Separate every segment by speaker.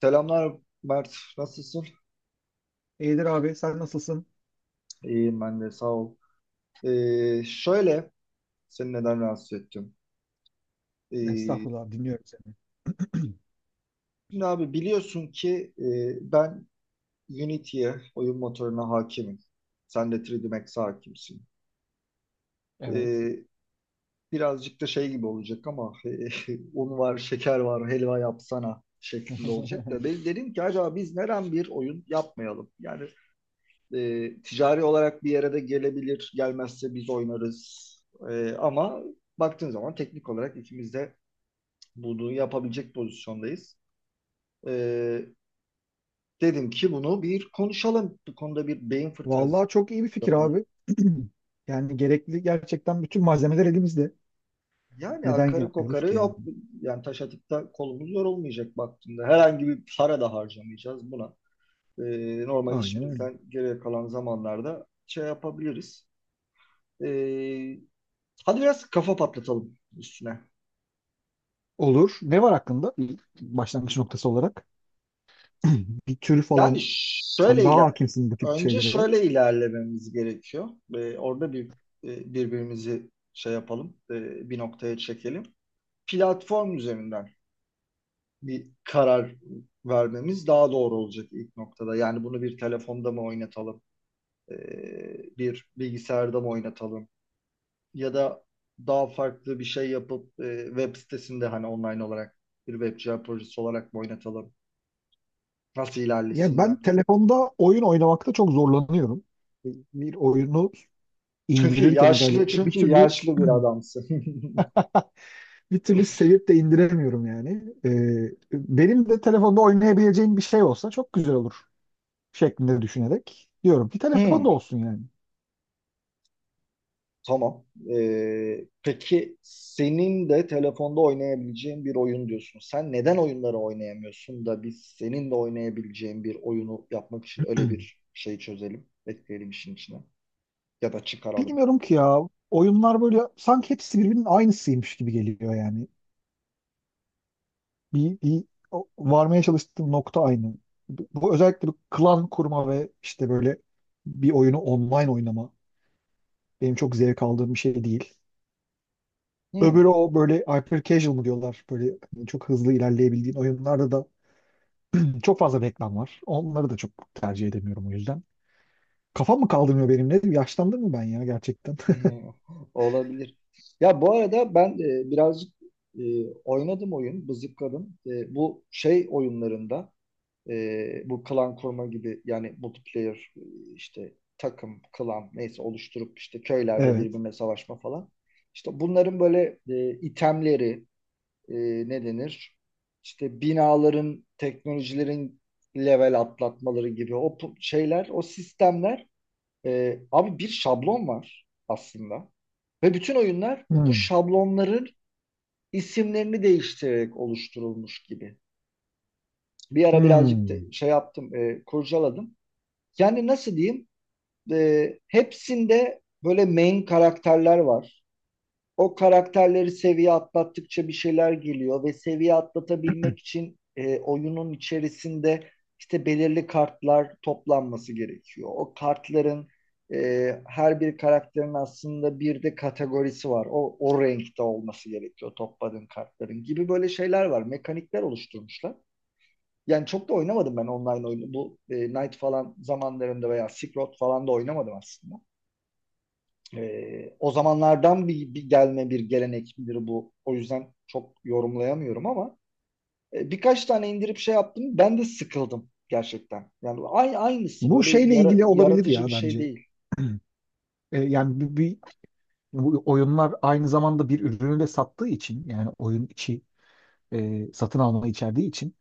Speaker 1: Selamlar Mert, nasılsın?
Speaker 2: İyidir abi sen nasılsın?
Speaker 1: İyiyim ben de, sağ ol. Ee, şöyle, seni neden rahatsız ettim? Ee,
Speaker 2: Estağfurullah dinliyorum seni.
Speaker 1: şimdi abi biliyorsun ki ben Unity'ye, oyun motoruna hakimim. Sen de 3D Max'e hakimsin.
Speaker 2: Evet.
Speaker 1: Ee, birazcık da şey gibi olacak ama un var, şeker var, helva yapsana şeklinde olacak da. Ben dedim ki acaba biz neden bir oyun yapmayalım? Yani ticari olarak bir yere de gelebilir. Gelmezse biz oynarız. Ama baktığın zaman teknik olarak ikimiz de bunu yapabilecek pozisyondayız. E, dedim ki bunu bir konuşalım. Bu konuda bir beyin fırtınası
Speaker 2: Vallahi çok iyi bir fikir
Speaker 1: yapalım.
Speaker 2: abi. Yani gerekli gerçekten bütün malzemeler elimizde.
Speaker 1: Yani
Speaker 2: Neden
Speaker 1: akarı
Speaker 2: yapmıyoruz
Speaker 1: kokarı
Speaker 2: ki yani?
Speaker 1: yok. Yani taş atıp kolumuz yorulmayacak baktığında. Herhangi bir para da harcamayacağız buna. E, normal
Speaker 2: Aynen öyle.
Speaker 1: işimizden geriye kalan zamanlarda şey yapabiliriz. E, hadi biraz kafa patlatalım üstüne.
Speaker 2: Olur. Ne var hakkında? Bir başlangıç noktası olarak. Bir tür
Speaker 1: Yani
Speaker 2: falan. Sen
Speaker 1: şöyle
Speaker 2: daha
Speaker 1: iler
Speaker 2: hakimsin bu tip
Speaker 1: önce
Speaker 2: şeylere.
Speaker 1: şöyle ilerlememiz gerekiyor. Orada bir birbirimizi şey yapalım, bir noktaya çekelim. Platform üzerinden bir karar vermemiz daha doğru olacak ilk noktada. Yani bunu bir telefonda mı oynatalım, e, bir bilgisayarda mı oynatalım ya da daha farklı bir şey yapıp web sitesinde hani online olarak bir web cihaz projesi olarak mı oynatalım? Nasıl
Speaker 2: Ya
Speaker 1: ilerlesin?
Speaker 2: ben telefonda oyun oynamakta çok zorlanıyorum. Bir oyunu
Speaker 1: Çünkü
Speaker 2: indirirken
Speaker 1: yaşlı,
Speaker 2: özellikle bir
Speaker 1: çünkü
Speaker 2: türlü
Speaker 1: yaşlı bir adamsın.
Speaker 2: bir türlü sevip de indiremiyorum yani. Benim de telefonda oynayabileceğim bir şey olsa çok güzel olur şeklinde düşünerek diyorum ki telefonda
Speaker 1: Hmm,
Speaker 2: olsun yani.
Speaker 1: tamam. Peki senin de telefonda oynayabileceğin bir oyun diyorsun. Sen neden oyunları oynayamıyorsun da biz senin de oynayabileceğin bir oyunu yapmak için öyle bir şey çözelim, ekleyelim işin içine ya da çıkaralım.
Speaker 2: Bilmiyorum ki ya oyunlar böyle sanki hepsi birbirinin aynısıymış gibi geliyor yani. Bir, bir varmaya çalıştığım nokta aynı. Bu özellikle bu klan kurma ve işte böyle bir oyunu online oynama benim çok zevk aldığım bir şey değil.
Speaker 1: Hmm.
Speaker 2: Öbürü o böyle hyper casual mı diyorlar böyle hani çok hızlı ilerleyebildiğin oyunlarda da çok fazla reklam var. Onları da çok tercih edemiyorum o yüzden. Kafam mı kaldırmıyor benim? Ne diyeyim? Yaşlandım mı ben ya gerçekten?
Speaker 1: Hmm, olabilir. Ya bu arada ben birazcık e, oynadım oyun, bızıkladım. E, bu şey oyunlarında. Bu klan kurma gibi yani multiplayer işte takım, klan neyse oluşturup işte köylerde
Speaker 2: Evet.
Speaker 1: birbirine savaşma falan. İşte bunların böyle itemleri e, ne denir? İşte binaların, teknolojilerin level atlatmaları gibi o şeyler, o sistemler abi bir şablon var aslında. Ve bütün oyunlar bu
Speaker 2: Hmm.
Speaker 1: şablonların isimlerini değiştirerek oluşturulmuş gibi. Bir ara birazcık da
Speaker 2: Hmm.
Speaker 1: şey yaptım, kurcaladım. Yani nasıl diyeyim? Hepsinde böyle main karakterler var. O karakterleri seviye atlattıkça bir şeyler geliyor ve seviye atlatabilmek için oyunun içerisinde işte belirli kartlar toplanması gerekiyor. O kartların e, her bir karakterin aslında bir de kategorisi var. O renkte olması gerekiyor topladığın kartların gibi böyle şeyler var. Mekanikler oluşturmuşlar. Yani çok da oynamadım ben online oyunu. Bu Knight falan zamanlarında veya Silk Road falan da oynamadım aslında. E, o zamanlardan bir gelme bir gelenek midir bu. O yüzden çok yorumlayamıyorum ama birkaç tane indirip şey yaptım. Ben de sıkıldım gerçekten. Yani aynısı
Speaker 2: Bu
Speaker 1: böyle
Speaker 2: şeyle ilgili olabilir
Speaker 1: yaratıcı bir
Speaker 2: ya
Speaker 1: şey
Speaker 2: bence.
Speaker 1: değil.
Speaker 2: Yani bu oyunlar aynı zamanda bir ürünü de sattığı için yani oyun içi satın alma içerdiği için,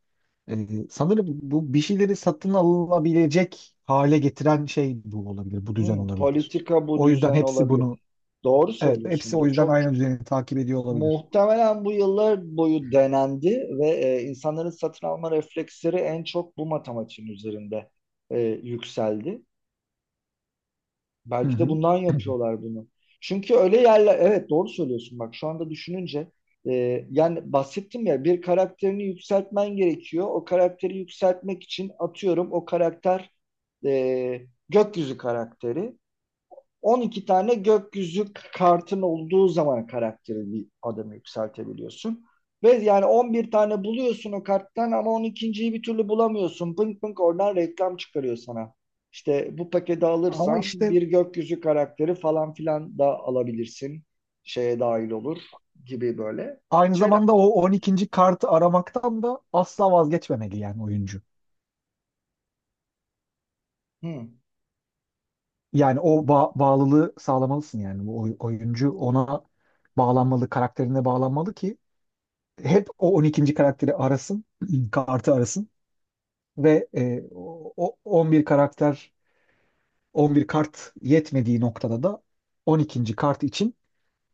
Speaker 2: sanırım bu bir şeyleri satın alınabilecek hale getiren şey bu olabilir, bu düzen
Speaker 1: Hmm,
Speaker 2: olabilir.
Speaker 1: politika bu
Speaker 2: O yüzden
Speaker 1: düzen olabilir. Doğru
Speaker 2: evet, hepsi
Speaker 1: söylüyorsun.
Speaker 2: o yüzden
Speaker 1: Çok
Speaker 2: aynı düzeni takip ediyor olabilir.
Speaker 1: muhtemelen bu yıllar boyu denendi ve insanların satın alma refleksleri en çok bu matematiğin üzerinde yükseldi.
Speaker 2: Hı
Speaker 1: Belki de
Speaker 2: hı.
Speaker 1: bundan yapıyorlar bunu. Çünkü öyle yerler, evet doğru söylüyorsun bak şu anda düşününce, e, yani bahsettim ya bir karakterini yükseltmen gerekiyor. O karakteri yükseltmek için atıyorum o karakter e, gökyüzü karakteri. 12 tane gökyüzü kartın olduğu zaman karakteri bir adamı yükseltebiliyorsun. Ve yani 11 tane buluyorsun o karttan ama 12.yi bir türlü bulamıyorsun. Pınk pınk oradan reklam çıkarıyor sana. İşte bu paketi
Speaker 2: Ama
Speaker 1: alırsan
Speaker 2: işte
Speaker 1: bir gökyüzü karakteri falan filan da alabilirsin. Şeye dahil olur gibi böyle
Speaker 2: aynı
Speaker 1: şeyler.
Speaker 2: zamanda o 12. kartı aramaktan da asla vazgeçmemeli yani oyuncu.
Speaker 1: Hı.
Speaker 2: Yani o bağlılığı sağlamalısın yani bu oyuncu ona bağlanmalı, karakterine bağlanmalı ki hep o 12. karakteri arasın, kartı arasın ve o 11 karakter 11 kart yetmediği noktada da 12. kart için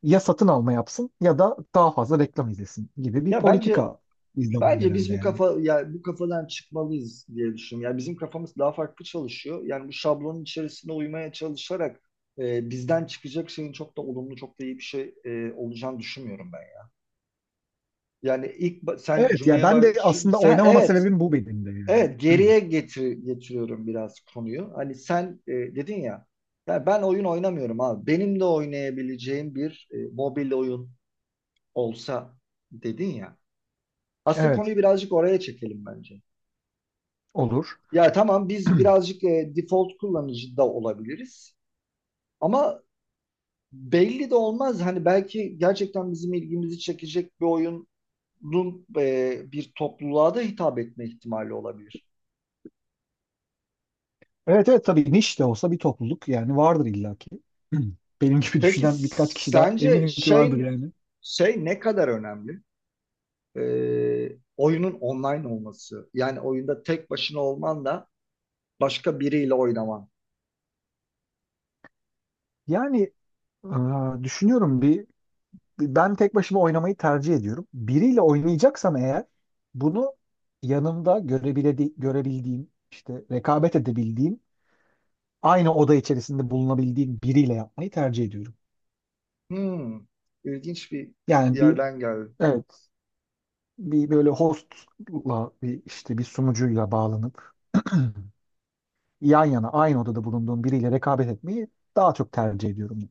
Speaker 2: ya satın alma yapsın ya da daha fazla reklam izlesin gibi bir
Speaker 1: Ya bence,
Speaker 2: politika izleniyor
Speaker 1: bence biz
Speaker 2: herhalde
Speaker 1: bu
Speaker 2: yani.
Speaker 1: kafa ya bu kafadan çıkmalıyız diye düşünüyorum. Yani bizim kafamız daha farklı çalışıyor. Yani bu şablonun içerisine uymaya çalışarak bizden çıkacak şeyin çok da olumlu, çok da iyi bir şey olacağını düşünmüyorum ben, ya. Yani ilk ba- sen
Speaker 2: Evet, ya
Speaker 1: cümleye
Speaker 2: ben
Speaker 1: baş
Speaker 2: de
Speaker 1: şu-
Speaker 2: aslında
Speaker 1: sen
Speaker 2: oynamama
Speaker 1: evet,
Speaker 2: sebebim bu benim de yani.
Speaker 1: evet geriye getiriyorum biraz konuyu. Hani sen dedin ya, ya ben oyun oynamıyorum abi. Benim de oynayabileceğim bir mobil oyun olsa dedin ya. Aslında
Speaker 2: Evet,
Speaker 1: konuyu birazcık oraya çekelim bence.
Speaker 2: olur.
Speaker 1: Ya tamam biz birazcık default kullanıcı da olabiliriz. Ama belli de olmaz. Hani belki gerçekten bizim ilgimizi çekecek bir oyunun bir topluluğa da hitap etme ihtimali olabilir.
Speaker 2: Evet, evet, tabii niş de olsa bir topluluk yani vardır illaki. Benim gibi
Speaker 1: Peki
Speaker 2: düşünen birkaç kişi daha
Speaker 1: sence
Speaker 2: eminim ki vardır yani.
Speaker 1: şey ne kadar önemli? E, oyunun online olması. Yani oyunda tek başına olman da başka biriyle oynaman.
Speaker 2: Yani düşünüyorum bir ben tek başıma oynamayı tercih ediyorum. Biriyle oynayacaksam eğer bunu yanımda görebildiğim, işte rekabet edebildiğim, aynı oda içerisinde bulunabildiğim biriyle yapmayı tercih ediyorum.
Speaker 1: Hmm, ilginç bir
Speaker 2: Yani bir,
Speaker 1: yerden geldi.
Speaker 2: evet, bir böyle hostla bir işte bir sunucuyla bağlanıp yan yana aynı odada bulunduğum biriyle rekabet etmeyi daha çok tercih ediyorum.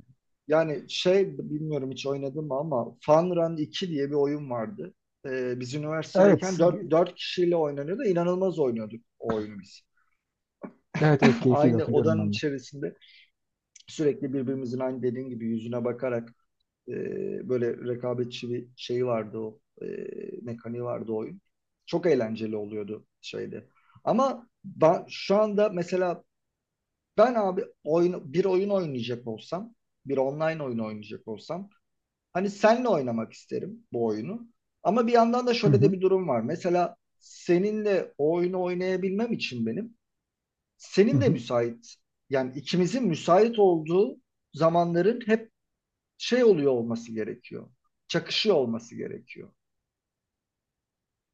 Speaker 1: Yani şey bilmiyorum hiç oynadım ama Fun Run 2 diye bir oyun vardı. Biz üniversitedeyken
Speaker 2: Evet,
Speaker 1: 4 kişiyle oynanıyordu. İnanılmaz oynuyorduk o oyunu biz.
Speaker 2: evet, evet, keyifliydi
Speaker 1: Aynı
Speaker 2: hatırlıyorum
Speaker 1: odanın
Speaker 2: ben de.
Speaker 1: içerisinde sürekli birbirimizin aynı dediğin gibi yüzüne bakarak e, böyle rekabetçi bir şey vardı mekaniği vardı o oyun. Çok eğlenceli oluyordu şeyde. Ama ben, şu anda mesela ben abi bir oyun oynayacak olsam, bir online oyun oynayacak olsam hani senle oynamak isterim bu oyunu. Ama bir yandan da
Speaker 2: Hı
Speaker 1: şöyle de
Speaker 2: hı.
Speaker 1: bir durum var. Mesela seninle o oyunu oynayabilmem için benim
Speaker 2: Hı
Speaker 1: senin de
Speaker 2: hı.
Speaker 1: müsait, yani ikimizin müsait olduğu zamanların hep şey oluyor olması gerekiyor. Çakışıyor olması gerekiyor.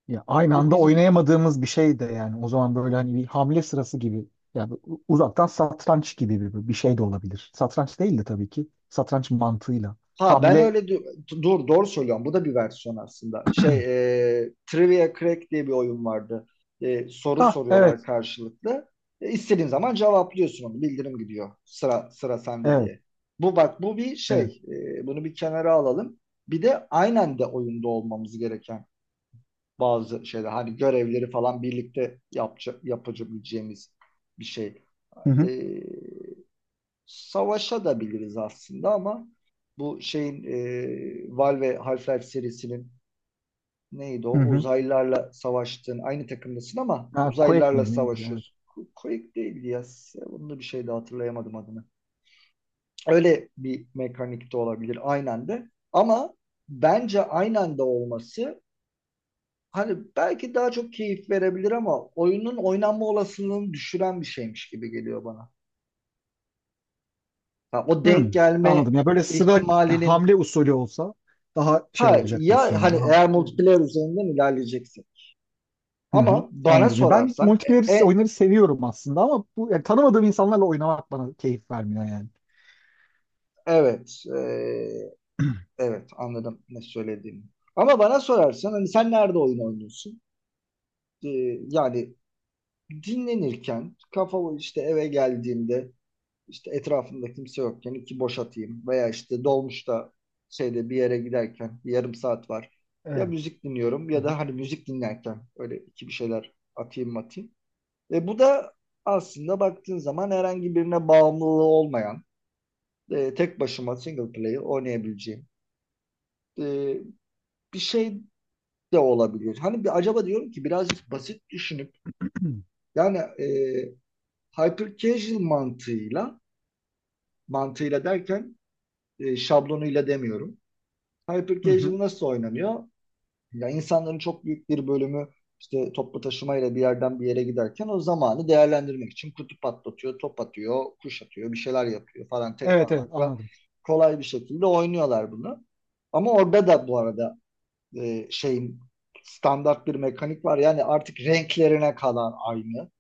Speaker 2: Ya aynı
Speaker 1: Ve
Speaker 2: anda
Speaker 1: biz
Speaker 2: oynayamadığımız bir şey de yani o zaman böyle hani bir hamle sırası gibi yani uzaktan satranç gibi bir şey de olabilir. Satranç değil de tabii ki satranç mantığıyla.
Speaker 1: Ha ben
Speaker 2: Hamle.
Speaker 1: öyle du- dur doğru söylüyorum. Bu da bir versiyon aslında. Şey Trivia Crack diye bir oyun vardı. E, soru
Speaker 2: Ah,
Speaker 1: soruyorlar
Speaker 2: evet,
Speaker 1: karşılıklı. E, istediğin zaman cevaplıyorsun onu. Bildirim gidiyor. Sıra, sıra sende
Speaker 2: evet,
Speaker 1: diye. Bu bak bu bir
Speaker 2: evet.
Speaker 1: şey. E, bunu bir kenara alalım. Bir de aynen de oyunda olmamız gereken bazı şeyler. Hani görevleri falan birlikte yapabileceğimiz bir şey.
Speaker 2: Hı
Speaker 1: E,
Speaker 2: hı,
Speaker 1: savaşa da biliriz aslında ama bu şeyin Valve Half-Life serisinin neydi o?
Speaker 2: hı hı.
Speaker 1: Uzaylılarla savaştığın aynı takımdasın ama
Speaker 2: Ha, Quake
Speaker 1: uzaylılarla
Speaker 2: miydi neydi? Evet.
Speaker 1: savaşıyorsun. Quake değildi ya. Bunu da bir şey de hatırlayamadım adını. Öyle bir mekanik de olabilir aynen de. Ama bence aynen de olması hani belki daha çok keyif verebilir ama oyunun oynanma olasılığını düşüren bir şeymiş gibi geliyor bana. Ha, o
Speaker 2: Hmm,
Speaker 1: denk gelme
Speaker 2: anladım ya, böyle sıra
Speaker 1: ihtimalinin,
Speaker 2: hamle usulü olsa daha şey
Speaker 1: ha
Speaker 2: olacak diyorsun
Speaker 1: ya
Speaker 2: yani.
Speaker 1: hani eğer multiplayer üzerinden ilerleyeceksin.
Speaker 2: Hı hı,
Speaker 1: Ama bana
Speaker 2: anladım. Ya ben
Speaker 1: sorarsan e,
Speaker 2: multiplayer
Speaker 1: e-
Speaker 2: oyunları seviyorum aslında ama bu yani tanımadığım insanlarla oynamak bana keyif vermiyor yani.
Speaker 1: evet, evet anladım ne söylediğini. Ama bana sorarsan hani sen nerede oyun oynuyorsun? E, yani dinlenirken kafa işte eve geldiğimde işte etrafımda kimse yokken iki boş atayım veya işte dolmuşta şeyde bir yere giderken bir yarım saat var. Ya
Speaker 2: Evet.
Speaker 1: müzik dinliyorum
Speaker 2: Hı
Speaker 1: ya
Speaker 2: hı.
Speaker 1: da hani müzik dinlerken öyle iki bir şeyler atayım. Bu da aslında baktığın zaman herhangi birine bağımlılığı olmayan, tek başıma single player oynayabileceğim e, bir şey de olabilir. Hani bir acaba diyorum ki birazcık basit düşünüp
Speaker 2: Hı
Speaker 1: yani hyper casual mantığıyla derken şablonuyla demiyorum. Hyper
Speaker 2: hı.
Speaker 1: casual nasıl oynanıyor? Ya insanların çok büyük bir bölümü işte toplu taşımayla bir yerden bir yere giderken o zamanı değerlendirmek için kutu patlatıyor, top atıyor, kuş atıyor, bir şeyler yapıyor falan tek
Speaker 2: Evet, evet,
Speaker 1: parmakla
Speaker 2: anladım.
Speaker 1: kolay bir şekilde oynuyorlar bunu. Ama orada da bu arada şeyin standart bir mekanik var. Yani artık renklerine kadar aynı,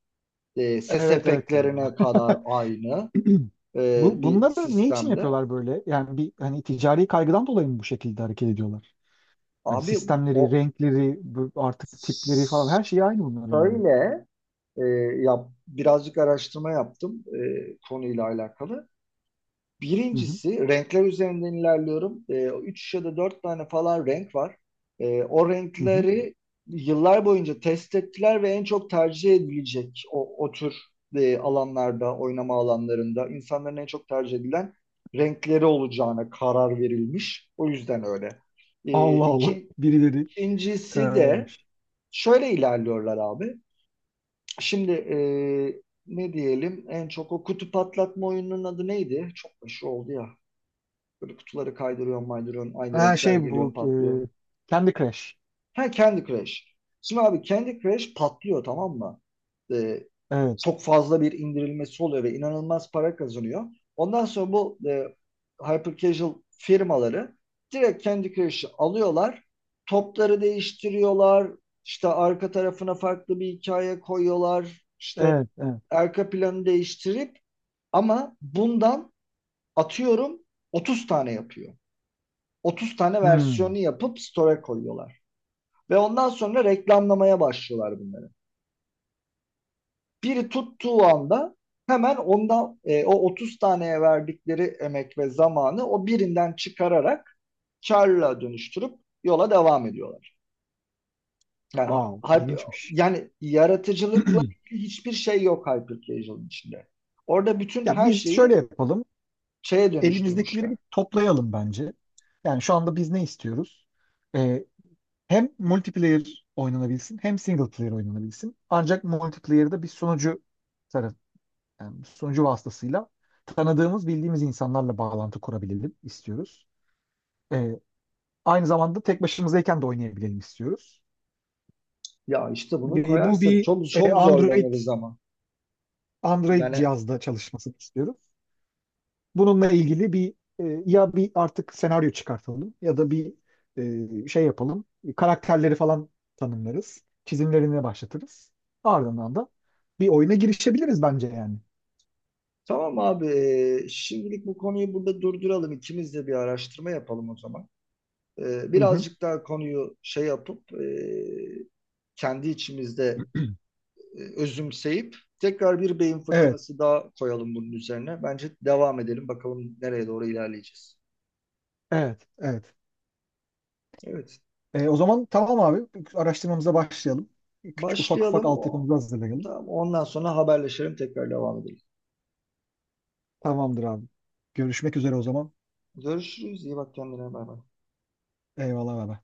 Speaker 1: ses
Speaker 2: Evet, evet. Ya.
Speaker 1: efektlerine kadar aynı
Speaker 2: Bu
Speaker 1: bir
Speaker 2: bunları ne için
Speaker 1: sistemde.
Speaker 2: yapıyorlar böyle? Yani bir hani ticari kaygıdan dolayı mı bu şekilde hareket ediyorlar? Yani
Speaker 1: Abi
Speaker 2: sistemleri,
Speaker 1: o
Speaker 2: renkleri, bu artık tipleri falan her şey aynı bunların yani.
Speaker 1: Şöyle e, birazcık araştırma yaptım konuyla alakalı.
Speaker 2: Hı hı.
Speaker 1: Birincisi renkler üzerinden ilerliyorum. E, üç ya da dört tane falan renk var. E, o
Speaker 2: Hı hı.
Speaker 1: renkleri yıllar boyunca test ettiler ve en çok tercih edilecek o tür alanlarda, oynama alanlarında insanların en çok tercih edilen renkleri olacağına karar verilmiş. O yüzden öyle. E,
Speaker 2: Allah Allah.
Speaker 1: iki,
Speaker 2: Birileri
Speaker 1: ikincisi
Speaker 2: karar
Speaker 1: de
Speaker 2: vermiş.
Speaker 1: şöyle ilerliyorlar abi. Şimdi ne diyelim en çok o kutu patlatma oyununun adı neydi? Çok meşhur oldu ya. Böyle kutuları kaydırıyorsun maydırıyorsun aynı
Speaker 2: Ha,
Speaker 1: renkler
Speaker 2: şey, bu
Speaker 1: geliyor patlıyor.
Speaker 2: Candy Crush.
Speaker 1: Ha, Candy Crush. Şimdi abi Candy Crush patlıyor tamam mı? E,
Speaker 2: Evet.
Speaker 1: çok fazla bir indirilmesi oluyor ve inanılmaz para kazanıyor. Ondan sonra bu hyper casual firmaları direkt Candy Crush'ı alıyorlar. Topları değiştiriyorlar. İşte arka tarafına farklı bir hikaye koyuyorlar. İşte
Speaker 2: Evet. Evet.
Speaker 1: arka planı değiştirip ama bundan atıyorum 30 tane yapıyor. 30 tane
Speaker 2: Hmm.
Speaker 1: versiyonu yapıp store'a koyuyorlar. Ve ondan sonra reklamlamaya başlıyorlar bunları. Biri tuttuğu anda hemen ondan o 30 taneye verdikleri emek ve zamanı o birinden çıkararak karla dönüştürüp yola devam ediyorlar. Yani
Speaker 2: Wow.
Speaker 1: hype,
Speaker 2: İlginçmiş.
Speaker 1: yani yaratıcılıkla hiçbir şey yok Hypercasual'ın içinde. Orada bütün
Speaker 2: Ya
Speaker 1: her
Speaker 2: biz şöyle
Speaker 1: şeyi
Speaker 2: yapalım.
Speaker 1: şeye
Speaker 2: Elimizdekileri
Speaker 1: dönüştürmüşler.
Speaker 2: bir toplayalım bence. Yani şu anda biz ne istiyoruz? E, hem multiplayer oynanabilsin hem single player oynanabilsin. Ancak multiplayer'da bir sunucu taraf, yani bir sunucu vasıtasıyla tanıdığımız, bildiğimiz insanlarla bağlantı kurabilelim istiyoruz. Ee, aynı zamanda tek başımızdayken de oynayabilelim istiyoruz.
Speaker 1: Ya işte bunu
Speaker 2: Bu
Speaker 1: koyarsak
Speaker 2: bir
Speaker 1: çok
Speaker 2: e,
Speaker 1: çok
Speaker 2: Android
Speaker 1: zorlanırız ama.
Speaker 2: Android
Speaker 1: Yani
Speaker 2: cihazda çalışmasını istiyoruz. Bununla ilgili bir ya bir artık senaryo çıkartalım ya da bir şey yapalım. Karakterleri falan tanımlarız. Çizimlerine başlatırız. Ardından da bir oyuna girişebiliriz bence yani.
Speaker 1: tamam abi şimdilik bu konuyu burada durduralım. İkimiz de bir araştırma yapalım o zaman.
Speaker 2: Hı hı.
Speaker 1: Birazcık daha konuyu şey yapıp kendi içimizde özümseyip tekrar bir beyin
Speaker 2: Evet,
Speaker 1: fırtınası daha koyalım bunun üzerine. Bence devam edelim bakalım nereye doğru ilerleyeceğiz.
Speaker 2: evet, evet.
Speaker 1: Evet,
Speaker 2: O zaman tamam abi. Araştırmamıza başlayalım. Küçük ufak ufak
Speaker 1: başlayalım.
Speaker 2: altyapımızı hazırlayalım.
Speaker 1: Tamam, ondan sonra haberleşelim tekrar devam edelim.
Speaker 2: Tamamdır abi. Görüşmek üzere o zaman.
Speaker 1: Görüşürüz. İyi bak kendine. Bay bay.
Speaker 2: Eyvallah baba.